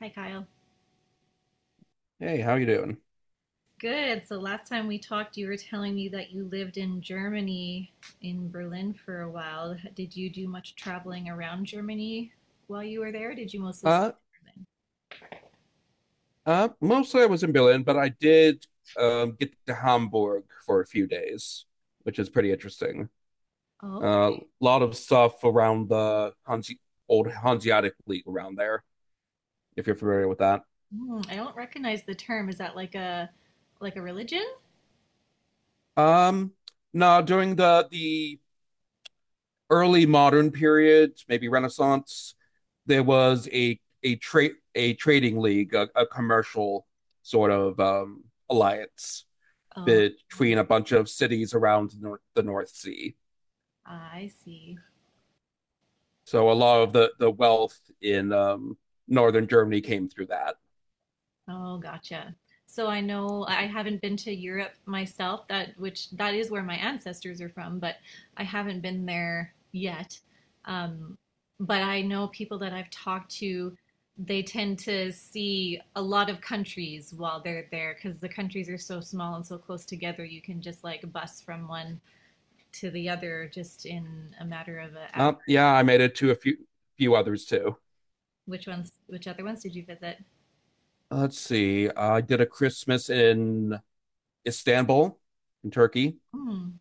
Hi, Kyle. Hey, how you doing? Good. So last time we talked, you were telling me that you lived in Germany, in Berlin for a while. Did you do much traveling around Germany while you were there? Or did you mostly stay Uh, in mostly I was in Berlin, but I did get to Hamburg for a few days, which is pretty interesting. Berlin? Oh, A okay. Lot of stuff around the Hanse old Hanseatic League around there, if you're familiar with that. Hmm, I don't recognize the term. Is that like a religion? Um, no, during the early modern period, maybe Renaissance, there was a trading league, a commercial sort of alliance Oh, between a bunch of cities around the North, Sea. I see. So a lot of the wealth in northern Germany came through that. Oh, gotcha. So I know I haven't been to Europe myself, that which that is where my ancestors are from, but I haven't been there yet. Um, but I know people that I've talked to, they tend to see a lot of countries while they're there because the countries are so small and so close together. You can just like bus from one to the other just in a matter of an hour. Yeah, I made it to a few few others too. Which ones, which other ones did you visit? Let's see. I did a Christmas in Istanbul, in Turkey. Hmm.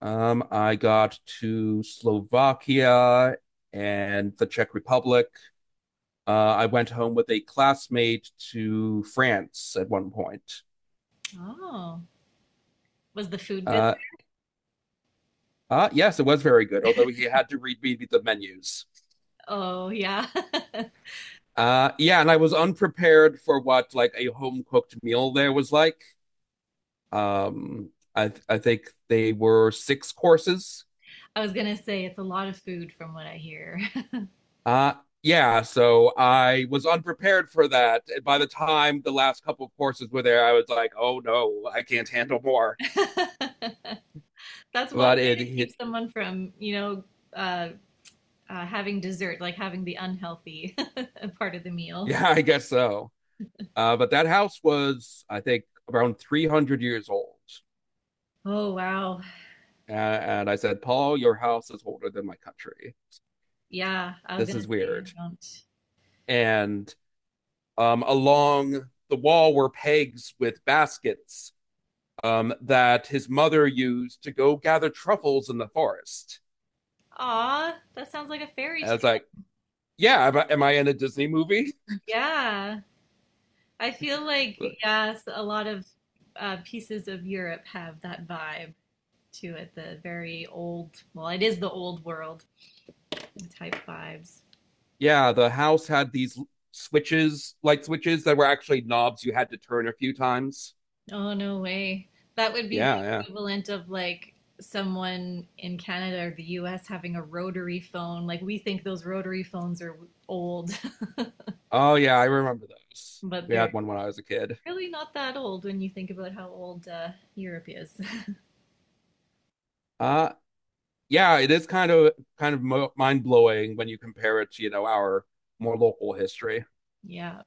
I got to Slovakia and the Czech Republic. I went home with a classmate to France at one point. Oh, was the food good? Uh, yes, it was very good, although he had to read me the menus. Oh, yeah. Yeah, and I was unprepared for what like a home cooked meal there was like. I think they were six courses. I was gonna say it's a lot of food from what I hear. Uh, yeah, so I was unprepared for that. And by the time the last couple of courses were there, I was like, oh no, I can't handle more. That's one But way it to keep hit, someone from, uh, having dessert, like having the unhealthy part of the meal. yeah, I guess so. But that house was, I think, around 300 years old. Oh wow. And, and I said, Paul, your house is older than my country. Yeah, I was This gonna is say I weird. don't. And along the wall were pegs with baskets that his mother used to go gather truffles in the forest. Aw, that sounds like a fairy And I tale. was like, yeah, am I in a Disney movie? Yeah, I feel like yes, a lot of pieces of Europe have that vibe to it, the very old, well, it is the old world type vibes. Yeah, the house had these switches, light switches that were actually knobs you had to turn a few times. Oh, no way. That would be the Yeah, yeah. equivalent of like someone in Canada or the US having a rotary phone. Like we think those rotary phones are old, Oh, yeah, I remember those. but We had they're one when I was a kid. really not that old when you think about how old Europe is. Uh, yeah, it is kind of mind blowing when you compare it to you know our more local history. Yeah.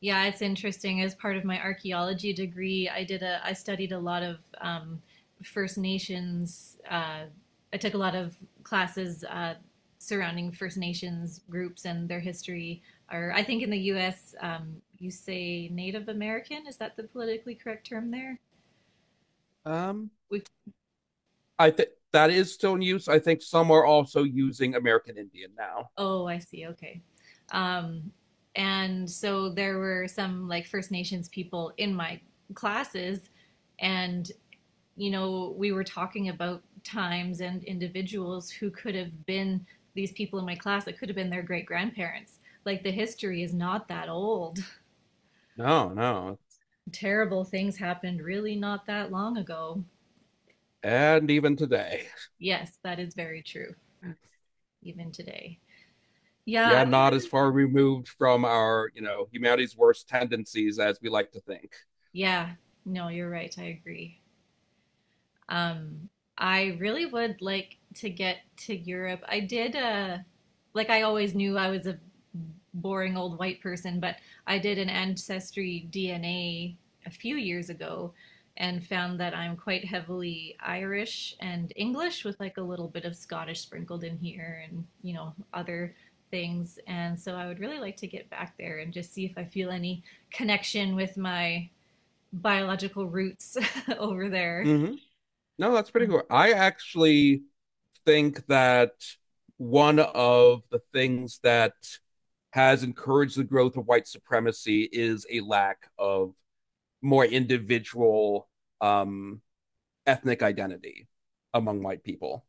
Yeah, it's interesting. As part of my archaeology degree, I studied a lot of First Nations. I took a lot of classes surrounding First Nations groups and their history. Or I think in the U.S. You say Native American. Is that the politically correct term there? Um, We, I think that is still in use. I think some are also using American Indian now. oh, I see. Okay. Um, and so there were some like First Nations people in my classes, and you know, we were talking about times and individuals who could have been these people in my class that could have been their great grandparents. Like the history is not that old. No, no, Terrible things happened really not that long ago. and even today, Yes, that is very true, even today. Yeah, I yeah, would not as really, far removed from our you know humanity's worst tendencies as we like to think. yeah, no, you're right. I agree. Um, I really would like to get to Europe. Like I always knew I was a boring old white person, but I did an ancestry DNA a few years ago and found that I'm quite heavily Irish and English with like a little bit of Scottish sprinkled in here and, you know, other things. And so I would really like to get back there and just see if I feel any connection with my biological roots over there. Mm-hmm. No, that's pretty cool. I actually think that one of the things that has encouraged the growth of white supremacy is a lack of more individual um, ethnic identity among white people.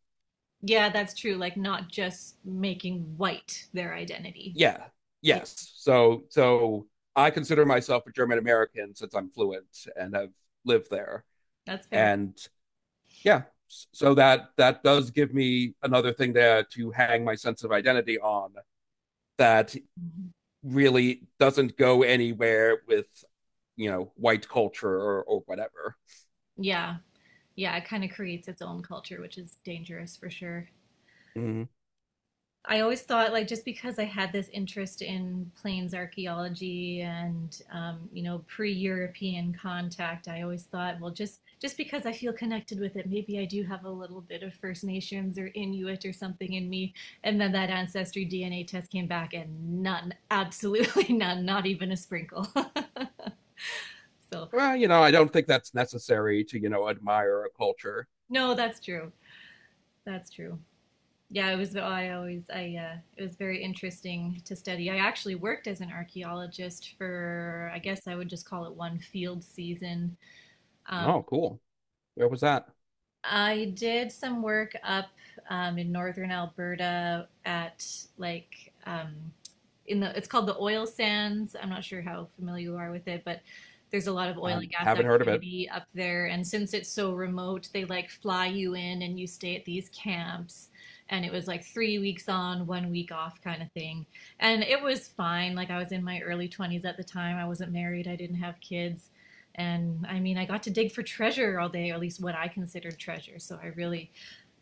Yeah, that's true. Like not just making white their identity. Yeah. Yeah, Yes. So I consider myself a German American since I'm fluent and have lived there. that's fair. And yeah, so that does give me another thing there to hang my sense of identity on that Mhm. really doesn't go anywhere with you know white culture or whatever. Yeah. Yeah, it kind of creates its own culture, which is dangerous for sure. Mhm. I always thought like just because I had this interest in plains archaeology and you know pre-European contact, I always thought, well, just because I feel connected with it, maybe I do have a little bit of First Nations or Inuit or something in me. And then that ancestry DNA test came back, and none, absolutely none, not even a sprinkle. So Well, you know, I don't think that's necessary to, you know, admire a culture. no, that's true. That's true. Yeah, it was. Oh, I always. I. It was very interesting to study. I actually worked as an archaeologist for. I guess I would just call it one field season. um, Oh cool, where was that? I did some work up in northern Alberta at like in the it's called the oil sands. I'm not sure how familiar you are with it, but there's a lot of I oil and gas haven't heard of it. activity up there. And since it's so remote, they like fly you in and you stay at these camps. And it was like three weeks on, one week off kind of thing. And it was fine. Like I was in my early 20s at the time. I wasn't married. I didn't have kids. And I mean, I got to dig for treasure all day, or at least what I considered treasure.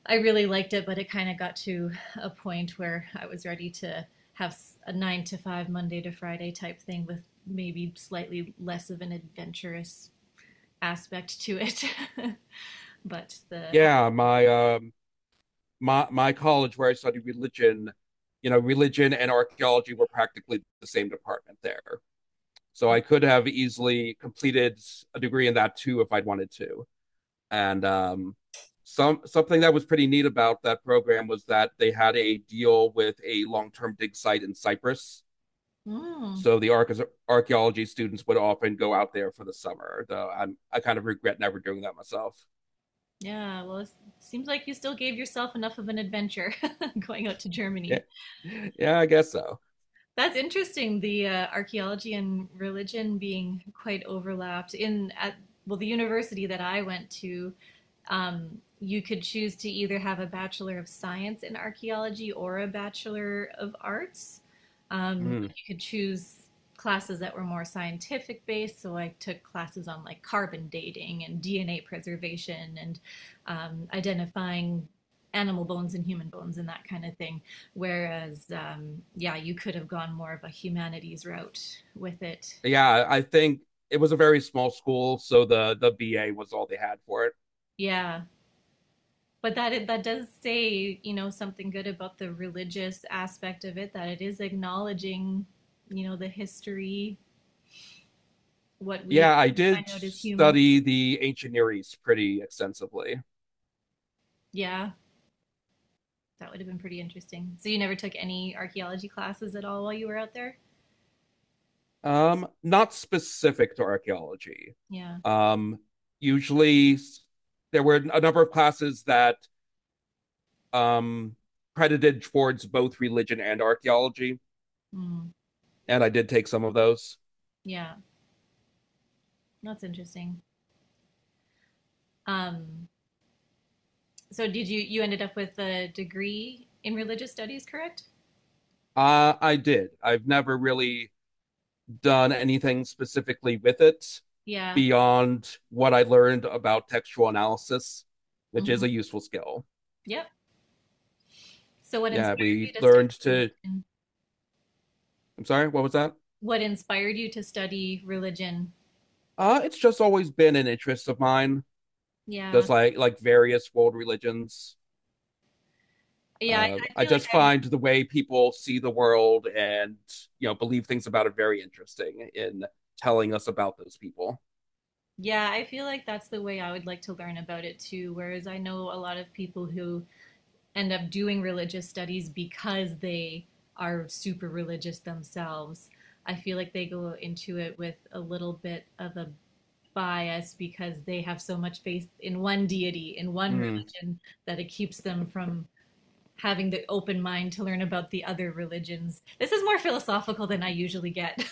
I really liked it, but it kind of got to a point where I was ready to have a 9 to 5, Monday to Friday type thing with maybe slightly less of an adventurous aspect to it. But the, Yeah, my college where I studied religion, you know, religion and archaeology were practically the same department there, so oh, I could have easily completed a degree in that too if I'd wanted to. And something that was pretty neat about that program was that they had a deal with a long-term dig site in Cyprus. mm, So the archaeology students would often go out there for the summer. Though I kind of regret never doing that myself. yeah, well, it seems like you still gave yourself enough of an adventure going out to Yeah, Germany. yeah, I guess so. That's interesting. The archaeology and religion being quite overlapped in at well, the university that I went to, you could choose to either have a bachelor of science in archaeology or a bachelor of arts. Mm. You could choose classes that were more scientific based. So I took classes on like carbon dating and DNA preservation and identifying animal bones and human bones and that kind of thing. Whereas, yeah, you could have gone more of a humanities route with it. Yeah, I think it was a very small school, so the BA was all they had for it. Yeah, but that does say you know something good about the religious aspect of it. That it is acknowledging you know the history, what we Yeah, I can find did out as humans. study the ancient Near East pretty extensively. Yeah, that would have been pretty interesting. So you never took any archaeology classes at all while you were out there? Not specific to archaeology. Yeah. Um, Usually, there were a number of classes that um, credited towards both religion and archaeology, Mm, and I did take some of those. yeah. That's interesting. Um, so did you ended up with a degree in religious studies, correct? I did. I've never really done anything specifically with it Yeah. beyond what I learned about textual analysis, which Hmm. is a useful skill. Yep. So what Yeah, inspired we you to study learned to. religion? I'm sorry, what was that? What inspired you to study religion? It's just always been an interest of mine. Yeah. Just like various world religions. Yeah, I I feel like just I would find the way people see the world and you know believe things about it very interesting in telling us about those people. Yeah, I feel like that's the way I would like to learn about it too. Whereas I know a lot of people who end up doing religious studies because they are super religious themselves. I feel like they go into it with a little bit of a bias because they have so much faith in one deity, in one Mm. religion, that it keeps them from having the open mind to learn about the other religions. This is more philosophical than I usually get.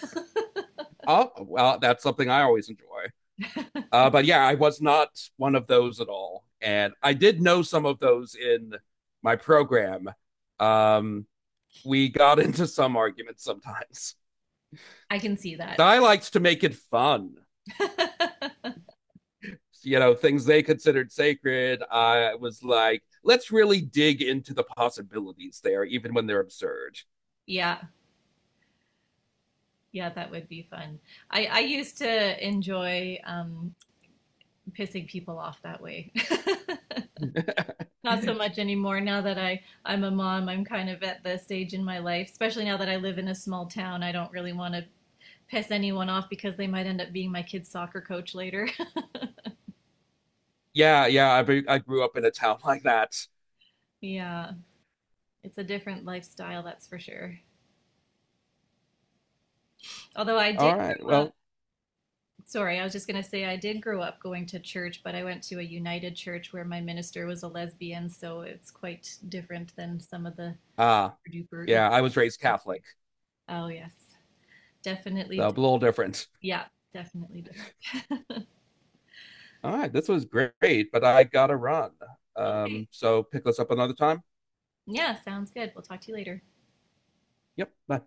Oh well, that's something I always enjoy. But yeah, I was not one of those at all, and I did know some of those in my program. Um, we got into some arguments sometimes. I can see that. I liked to make it fun. You know, things they considered sacred, I was like, let's really dig into the possibilities there even when they're absurd. Yeah, yeah, that would be fun. I used to enjoy pissing people off that way. Not so much anymore now that I'm a mom. I'm kind of at the stage in my life, especially now that I live in a small town. I don't really want to piss anyone off because they might end up being my kid's soccer coach later. Yeah, yeah, I grew up in a town like that. Yeah, it's a different lifestyle, that's for sure. Although I All did right, grow up well, Sorry, I was just going to say I did grow up going to church, but I went to a United Church where my minister was a lesbian, so it's quite different than some of the ah uh, duper uber. yeah, I was raised Catholic, Oh, yes, definitely. so a little different. Yeah, definitely different. All right, this was great, but I gotta run. Okay. So pick us up another time. Yeah, sounds good. We'll talk to you later. Yep, bye.